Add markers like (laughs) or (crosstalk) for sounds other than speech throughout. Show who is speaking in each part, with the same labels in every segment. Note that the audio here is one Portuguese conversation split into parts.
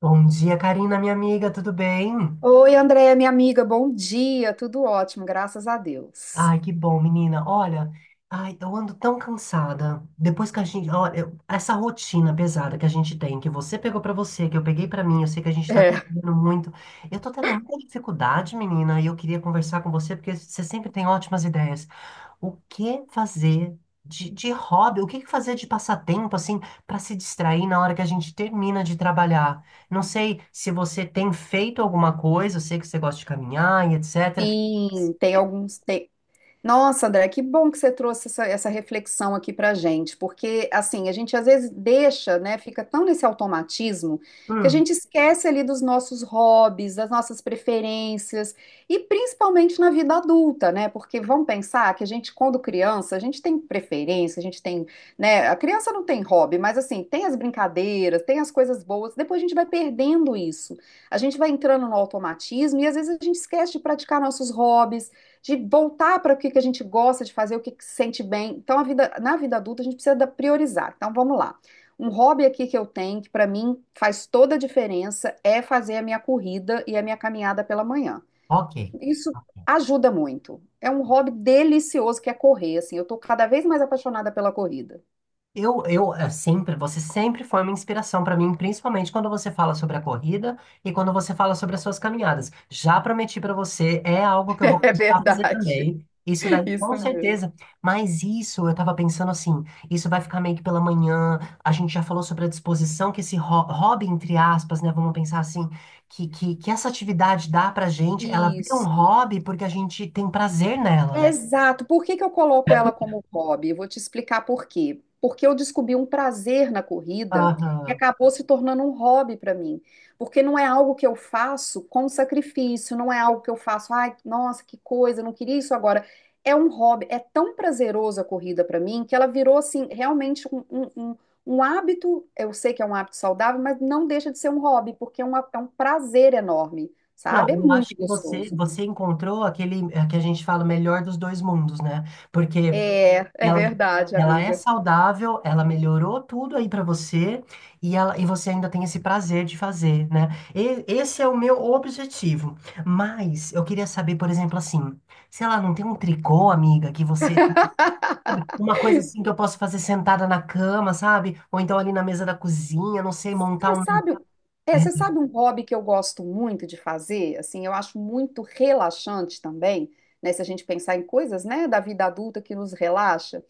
Speaker 1: Bom dia, Karina, minha amiga, tudo bem?
Speaker 2: Oi, Andréia, minha amiga, bom dia, tudo ótimo, graças a Deus.
Speaker 1: Ai, que bom, menina. Olha, ai, eu ando tão cansada. Depois que a gente, olha, essa rotina pesada que a gente tem, que você pegou pra você, que eu peguei pra mim, eu sei que a gente tá
Speaker 2: É,
Speaker 1: contribuindo muito. Eu tô tendo muita dificuldade, menina, e eu queria conversar com você porque você sempre tem ótimas ideias. O que fazer de hobby? O que que fazer de passatempo, assim, para se distrair na hora que a gente termina de trabalhar? Não sei se você tem feito alguma coisa, eu sei que você gosta de caminhar e etc.
Speaker 2: sim, tem alguns. Tem, nossa, André, que bom que você trouxe essa reflexão aqui pra gente, porque assim, a gente às vezes deixa, né, fica tão nesse automatismo que a
Speaker 1: Hum,
Speaker 2: gente esquece ali dos nossos hobbies, das nossas preferências e principalmente na vida adulta, né? Porque vamos pensar que a gente quando criança, a gente tem preferência, a gente tem, né, a criança não tem hobby, mas assim, tem as brincadeiras, tem as coisas boas, depois a gente vai perdendo isso. A gente vai entrando no automatismo e às vezes a gente esquece de praticar nossos hobbies de voltar para o que que a gente gosta de fazer, o que que se sente bem. Então, a vida, na vida adulta, a gente precisa priorizar. Então, vamos lá. Um hobby aqui que eu tenho, que para mim faz toda a diferença, é fazer a minha corrida e a minha caminhada pela manhã.
Speaker 1: ok.
Speaker 2: Isso ajuda muito. É um hobby delicioso que é correr, assim. Eu estou cada vez mais apaixonada pela corrida.
Speaker 1: Você sempre foi uma inspiração para mim, principalmente quando você fala sobre a corrida e quando você fala sobre as suas caminhadas. Já prometi para você, é algo que eu vou
Speaker 2: (laughs) É
Speaker 1: começar a fazer
Speaker 2: verdade.
Speaker 1: também. Isso daí,
Speaker 2: Isso
Speaker 1: com
Speaker 2: mesmo.
Speaker 1: certeza. Mas isso, eu tava pensando assim, isso vai ficar meio que pela manhã. A gente já falou sobre a disposição que esse hobby, entre aspas, né? Vamos pensar assim, que essa atividade dá pra gente, ela vira um
Speaker 2: Isso.
Speaker 1: hobby porque a gente tem prazer nela, né?
Speaker 2: Exato. Por que que eu coloco ela como hobby? Eu vou te explicar por quê. Porque eu descobri um prazer na corrida que
Speaker 1: Aham.
Speaker 2: acabou se tornando um hobby para mim. Porque não é algo que eu faço com sacrifício, não é algo que eu faço, ai, nossa, que coisa, eu não queria isso agora. É um hobby, é tão prazeroso a corrida para mim que ela virou assim, realmente um hábito. Eu sei que é um hábito saudável, mas não deixa de ser um hobby, porque é um prazer enorme,
Speaker 1: Não,
Speaker 2: sabe? É
Speaker 1: eu
Speaker 2: muito
Speaker 1: acho que você,
Speaker 2: gostoso.
Speaker 1: você encontrou aquele é, que a gente fala, o melhor dos dois mundos, né? Porque
Speaker 2: É, é
Speaker 1: ela,
Speaker 2: verdade,
Speaker 1: ela é
Speaker 2: amiga.
Speaker 1: saudável, ela melhorou tudo aí pra você e, ela, e você ainda tem esse prazer de fazer, né? Esse é o meu objetivo. Mas eu queria saber, por exemplo, assim, sei lá, não tem um tricô, amiga, que você. Uma coisa assim que eu posso fazer sentada na cama, sabe? Ou então ali na mesa da cozinha, não sei,
Speaker 2: Sim,
Speaker 1: montar um.
Speaker 2: você sabe um hobby que eu gosto muito de fazer, assim, eu acho muito relaxante também, né, se a gente pensar em coisas, né, da vida adulta que nos relaxa,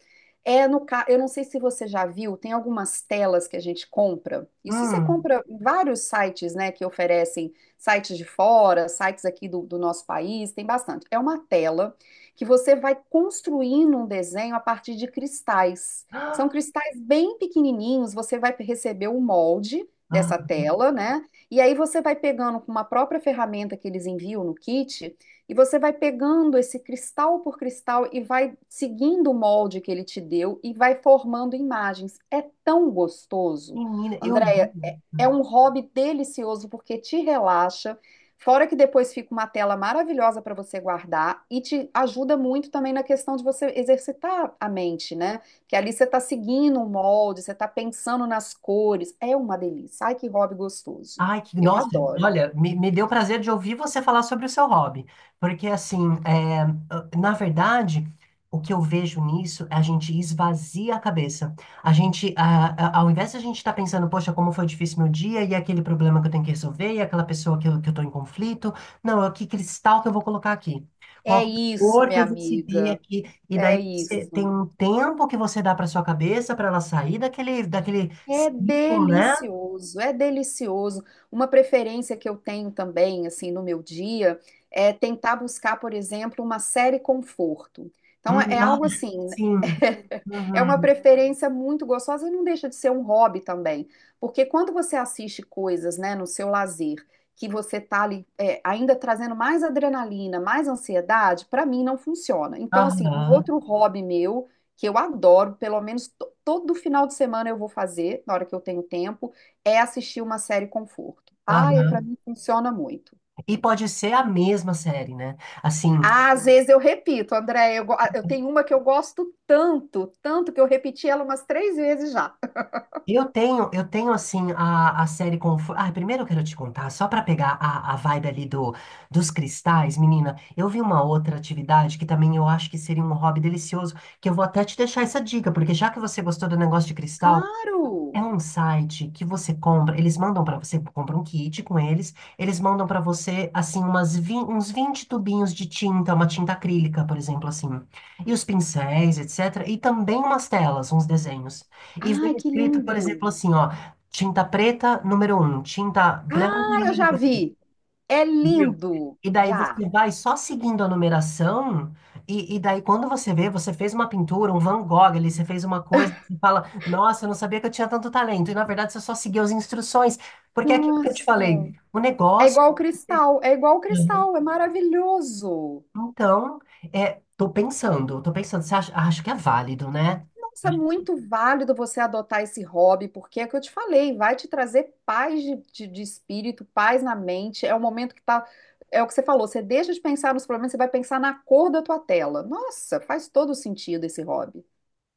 Speaker 2: é eu não sei se você já viu, tem algumas telas que a gente compra, isso você
Speaker 1: Hum. (gasps)
Speaker 2: compra em vários sites, né, que oferecem sites de fora, sites aqui do nosso país, tem bastante, é uma tela que você vai construindo um desenho a partir de cristais. São
Speaker 1: Ah,
Speaker 2: cristais bem pequenininhos, você vai receber o molde
Speaker 1: ah,
Speaker 2: dessa tela, né? E aí você vai pegando com uma própria ferramenta que eles enviam no kit, e você vai pegando esse cristal por cristal e vai seguindo o molde que ele te deu e vai formando imagens. É tão gostoso.
Speaker 1: menina, eu vi.
Speaker 2: Andréia, é um hobby delicioso porque te relaxa. Fora que depois fica uma tela maravilhosa para você guardar e te ajuda muito também na questão de você exercitar a mente, né? Que ali você está seguindo o molde, você está pensando nas cores. É uma delícia. Ai, que hobby gostoso.
Speaker 1: Ai, que,
Speaker 2: Eu
Speaker 1: nossa,
Speaker 2: adoro.
Speaker 1: olha, me deu prazer de ouvir você falar sobre o seu hobby, porque assim, é, na verdade, o que eu vejo nisso é a gente esvazia a cabeça. A gente, ao invés de a gente estar pensando, poxa, como foi difícil meu dia, e aquele problema que eu tenho que resolver, e aquela pessoa que eu tô em conflito, não, é que cristal que eu vou colocar aqui? Qual
Speaker 2: É isso,
Speaker 1: cor que
Speaker 2: minha
Speaker 1: eu vou seguir
Speaker 2: amiga.
Speaker 1: aqui? E
Speaker 2: É
Speaker 1: daí você tem
Speaker 2: isso.
Speaker 1: um tempo que você dá para sua cabeça para ela sair daquele
Speaker 2: É
Speaker 1: ciclo, né?
Speaker 2: delicioso, é delicioso. Uma preferência que eu tenho também, assim, no meu dia, é tentar buscar, por exemplo, uma série conforto. Então, é é
Speaker 1: Ah,
Speaker 2: algo assim,
Speaker 1: sim.
Speaker 2: (laughs) é uma
Speaker 1: Uhum.
Speaker 2: preferência muito gostosa e não deixa de ser um hobby também. Porque quando você assiste coisas, né, no seu lazer, que você tá ali, é, ainda trazendo mais adrenalina, mais ansiedade, para mim não funciona. Então, assim, um
Speaker 1: Aham,
Speaker 2: outro hobby meu que eu adoro, pelo menos todo final de semana eu vou fazer, na hora que eu tenho tempo, é assistir uma série conforto. Ah, e para
Speaker 1: aham.
Speaker 2: mim funciona muito.
Speaker 1: E pode ser a mesma série, né? Assim,
Speaker 2: Ah, às vezes eu repito, André, eu tenho uma que eu gosto tanto, tanto que eu repeti ela umas três vezes já.
Speaker 1: eu tenho assim a série com. Ah, primeiro eu quero te contar, só para pegar a vibe ali do, dos cristais, menina, eu vi uma outra atividade que também eu acho que seria um hobby delicioso, que eu vou até te deixar essa dica, porque já que você gostou do negócio de cristal.
Speaker 2: Claro!
Speaker 1: É um site que você compra, eles mandam para você, compra um kit com eles, eles mandam para você, assim, umas uns 20 tubinhos de tinta, uma tinta acrílica, por exemplo, assim, e os pincéis, etc. E também umas telas, uns desenhos. E vem
Speaker 2: Ai, que
Speaker 1: escrito, por
Speaker 2: lindo!
Speaker 1: exemplo, assim, ó, tinta preta, número um, tinta branca,
Speaker 2: Ah, eu
Speaker 1: número
Speaker 2: já
Speaker 1: dois.
Speaker 2: vi. É
Speaker 1: Viu?
Speaker 2: lindo.
Speaker 1: E daí
Speaker 2: Já.
Speaker 1: você vai só seguindo a numeração, e daí quando você vê, você fez uma pintura, um Van Gogh ali, você fez uma coisa, você fala, nossa, eu não sabia que eu tinha tanto talento. E na verdade você só seguiu as instruções. Porque é aquilo que eu te
Speaker 2: Nossa.
Speaker 1: falei, o
Speaker 2: É
Speaker 1: negócio.
Speaker 2: igual o cristal, é igual o
Speaker 1: Uhum.
Speaker 2: cristal, é maravilhoso.
Speaker 1: Então, é, tô pensando, você acha, acho que é válido, né?
Speaker 2: Nossa, é muito válido você adotar esse hobby, porque é o que eu te falei, vai te trazer paz de espírito, paz na mente. É o momento que tá. É o que você falou, você deixa de pensar nos problemas, você vai pensar na cor da tua tela. Nossa, faz todo sentido esse hobby.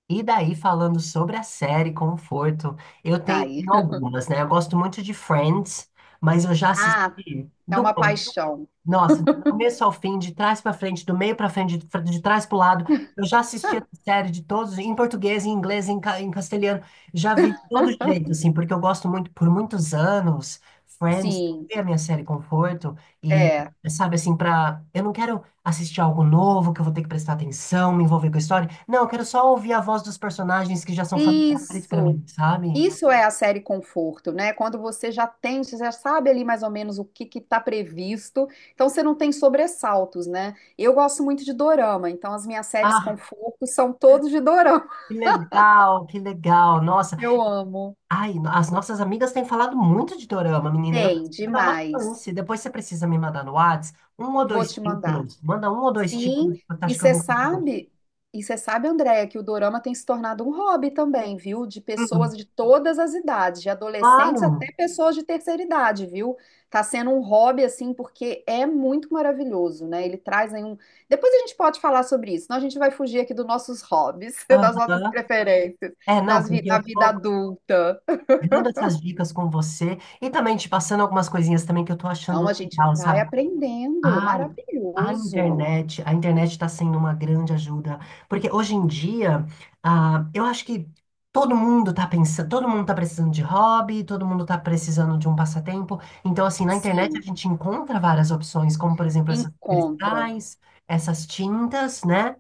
Speaker 1: E daí, falando sobre a série Conforto, eu tenho,
Speaker 2: Aí.
Speaker 1: tenho
Speaker 2: (laughs)
Speaker 1: algumas, né? Eu gosto muito de Friends, mas eu já
Speaker 2: Ah,
Speaker 1: assisti
Speaker 2: é
Speaker 1: do
Speaker 2: uma
Speaker 1: começo.
Speaker 2: paixão.
Speaker 1: Nossa, do começo ao fim, de trás para frente, do meio para frente, de trás para o lado. Eu já assisti essa série de todos, em português, em inglês, em, em castelhano. Já vi de todo jeito,
Speaker 2: (laughs)
Speaker 1: assim, porque eu gosto muito, por muitos anos, Friends
Speaker 2: Sim,
Speaker 1: foi a minha série conforto. E,
Speaker 2: é.
Speaker 1: sabe, assim, para. Eu não quero assistir algo novo, que eu vou ter que prestar atenção, me envolver com a história. Não, eu quero só ouvir a voz dos personagens que já são familiares para
Speaker 2: Isso.
Speaker 1: mim, sabe?
Speaker 2: Isso é a série Conforto, né? Quando você já tem, você já sabe ali mais ou menos o que que tá previsto, então você não tem sobressaltos, né? Eu gosto muito de dorama, então as minhas séries
Speaker 1: Ah,
Speaker 2: Conforto são todas de dorama. (laughs)
Speaker 1: que legal, que legal. Nossa.
Speaker 2: Eu amo.
Speaker 1: Ai, as nossas amigas têm falado muito de dorama, menina. Eu
Speaker 2: Tem,
Speaker 1: preciso dar uma
Speaker 2: demais.
Speaker 1: chance. Depois você precisa me mandar no Whats um ou
Speaker 2: Vou
Speaker 1: dois
Speaker 2: te mandar.
Speaker 1: títulos. Manda um ou dois títulos,
Speaker 2: Sim,
Speaker 1: eu acho que eu vou conseguir.
Speaker 2: e você sabe, Andréia, que o dorama tem se tornado um hobby também, viu? De
Speaker 1: Hum,
Speaker 2: pessoas de todas as idades, de adolescentes
Speaker 1: claro.
Speaker 2: até pessoas de terceira idade, viu? Tá sendo um hobby, assim, porque é muito maravilhoso, né? Ele traz aí um. Depois a gente pode falar sobre isso, senão a gente vai fugir aqui dos nossos hobbies, (laughs) das nossas
Speaker 1: Aham.
Speaker 2: preferências,
Speaker 1: É, não, porque
Speaker 2: na
Speaker 1: eu
Speaker 2: vida
Speaker 1: tô
Speaker 2: adulta.
Speaker 1: dando essas dicas com você e também te passando algumas coisinhas também que eu tô
Speaker 2: Não, a
Speaker 1: achando
Speaker 2: gente
Speaker 1: legal,
Speaker 2: vai
Speaker 1: sabe?
Speaker 2: aprendendo,
Speaker 1: Ai,
Speaker 2: maravilhoso.
Speaker 1: a internet está sendo uma grande ajuda, porque hoje em dia, ah, eu acho que todo mundo está pensando, todo mundo está precisando de hobby, todo mundo está precisando de um passatempo. Então, assim, na internet a
Speaker 2: Sim,
Speaker 1: gente encontra várias opções, como por exemplo esses
Speaker 2: encontra.
Speaker 1: cristais, essas tintas, né?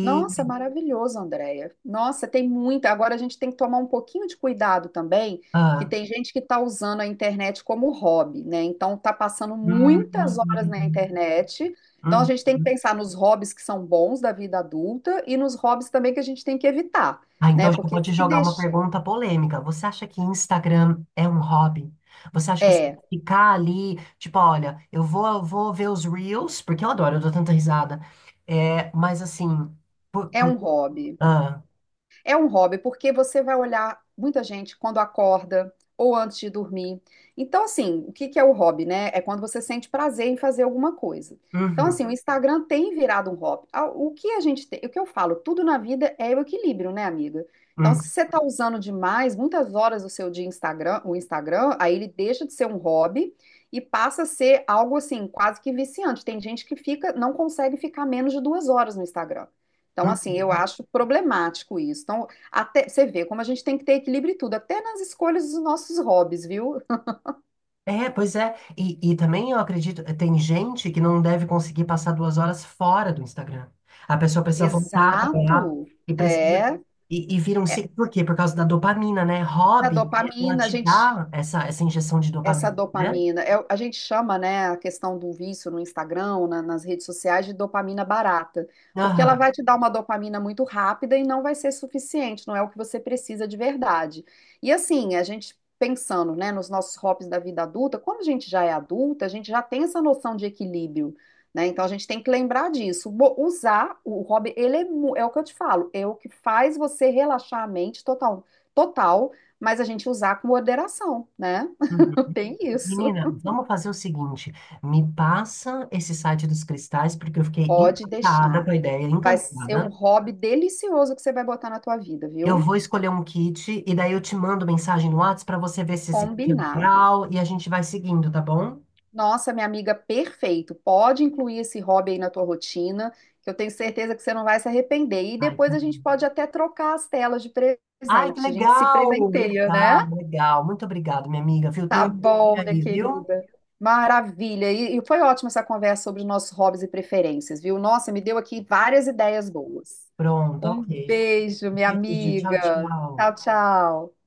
Speaker 2: Nossa, maravilhoso, Andréia. Nossa, tem muita. Agora a gente tem que tomar um pouquinho de cuidado também, que
Speaker 1: ah,
Speaker 2: tem gente que está usando a internet como hobby, né? Então está passando
Speaker 1: hum,
Speaker 2: muitas horas na
Speaker 1: hum,
Speaker 2: internet. Então a
Speaker 1: hum.
Speaker 2: gente tem que
Speaker 1: Hum.
Speaker 2: pensar nos hobbies que são bons da vida adulta e nos hobbies também que a gente tem que evitar,
Speaker 1: Ah,
Speaker 2: né?
Speaker 1: então eu já
Speaker 2: Porque
Speaker 1: vou te
Speaker 2: se
Speaker 1: jogar uma
Speaker 2: deixa.
Speaker 1: pergunta polêmica. Você acha que Instagram é um hobby? Você acha que assim,
Speaker 2: É,
Speaker 1: ficar ali, tipo, olha, eu vou ver os Reels, porque eu adoro, eu dou tanta risada. É, mas assim,
Speaker 2: é
Speaker 1: por...
Speaker 2: um hobby.
Speaker 1: Ah,
Speaker 2: É um hobby, porque você vai olhar muita gente quando acorda ou antes de dormir. Então, assim, o que que é o hobby, né? É quando você sente prazer em fazer alguma coisa. Então,
Speaker 1: uhum,
Speaker 2: assim, o Instagram tem virado um hobby. Ah, o que a gente tem, o que eu falo, tudo na vida é o equilíbrio, né, amiga? Então, se
Speaker 1: uhum,
Speaker 2: você está usando demais, muitas horas do seu dia Instagram, o Instagram, aí ele deixa de ser um hobby e passa a ser algo assim, quase que viciante. Tem gente que fica, não consegue ficar menos de 2 horas no Instagram. Então, assim, eu
Speaker 1: uhum.
Speaker 2: acho problemático isso. Então, até você vê como a gente tem que ter equilíbrio em tudo, até nas escolhas dos nossos hobbies, viu? (laughs)
Speaker 1: É, pois é. E também eu acredito, tem gente que não deve conseguir passar 2 horas fora do Instagram. A pessoa precisa voltar para lá
Speaker 2: Exato.
Speaker 1: e precisa.
Speaker 2: É,
Speaker 1: E vira um ciclo. Por quê? Por causa da dopamina, né?
Speaker 2: da
Speaker 1: Hobby, ela
Speaker 2: dopamina, a
Speaker 1: te
Speaker 2: gente
Speaker 1: dá essa, essa injeção de
Speaker 2: essa
Speaker 1: dopamina, né?
Speaker 2: dopamina, a gente chama, né, a questão do vício no Instagram, nas redes sociais, de dopamina barata, porque ela
Speaker 1: Aham.
Speaker 2: vai te dar uma dopamina muito rápida e não vai ser suficiente, não é o que você precisa de verdade. E assim, a gente pensando, né, nos nossos hobbies da vida adulta, quando a gente já é adulta, a gente já tem essa noção de equilíbrio, né? Então a gente tem que lembrar disso. Usar o hobby, ele é, é o que eu te falo, é o que faz você relaxar a mente total, total, mas a gente usar com moderação, né?
Speaker 1: Uhum.
Speaker 2: Tem isso.
Speaker 1: Menina, vamos fazer o seguinte: me passa esse site dos cristais, porque eu fiquei
Speaker 2: Pode
Speaker 1: encantada
Speaker 2: deixar.
Speaker 1: com a ideia,
Speaker 2: Vai ser um
Speaker 1: encantada.
Speaker 2: hobby delicioso que você vai botar na tua vida,
Speaker 1: Eu
Speaker 2: viu?
Speaker 1: vou escolher um kit e daí eu te mando mensagem no WhatsApp para você ver se esse kit é
Speaker 2: Combinado.
Speaker 1: legal e a gente vai seguindo, tá bom?
Speaker 2: Nossa, minha amiga, perfeito. Pode incluir esse hobby aí na tua rotina, que eu tenho certeza que você não vai se arrepender. E
Speaker 1: Ai,
Speaker 2: depois
Speaker 1: tá.
Speaker 2: a gente pode até trocar as telas de
Speaker 1: Ai, que
Speaker 2: presente. A gente se
Speaker 1: legal!
Speaker 2: presenteia,
Speaker 1: Legal,
Speaker 2: né?
Speaker 1: legal. Muito obrigado, minha amiga, viu? Tem
Speaker 2: Tá
Speaker 1: um link
Speaker 2: bom, minha
Speaker 1: aí, viu?
Speaker 2: querida. Maravilha. E foi ótima essa conversa sobre os nossos hobbies e preferências, viu? Nossa, me deu aqui várias ideias boas.
Speaker 1: Pronto,
Speaker 2: Um
Speaker 1: ok.
Speaker 2: beijo, minha
Speaker 1: Beijo, tchau,
Speaker 2: amiga.
Speaker 1: tchau.
Speaker 2: Tchau, tchau.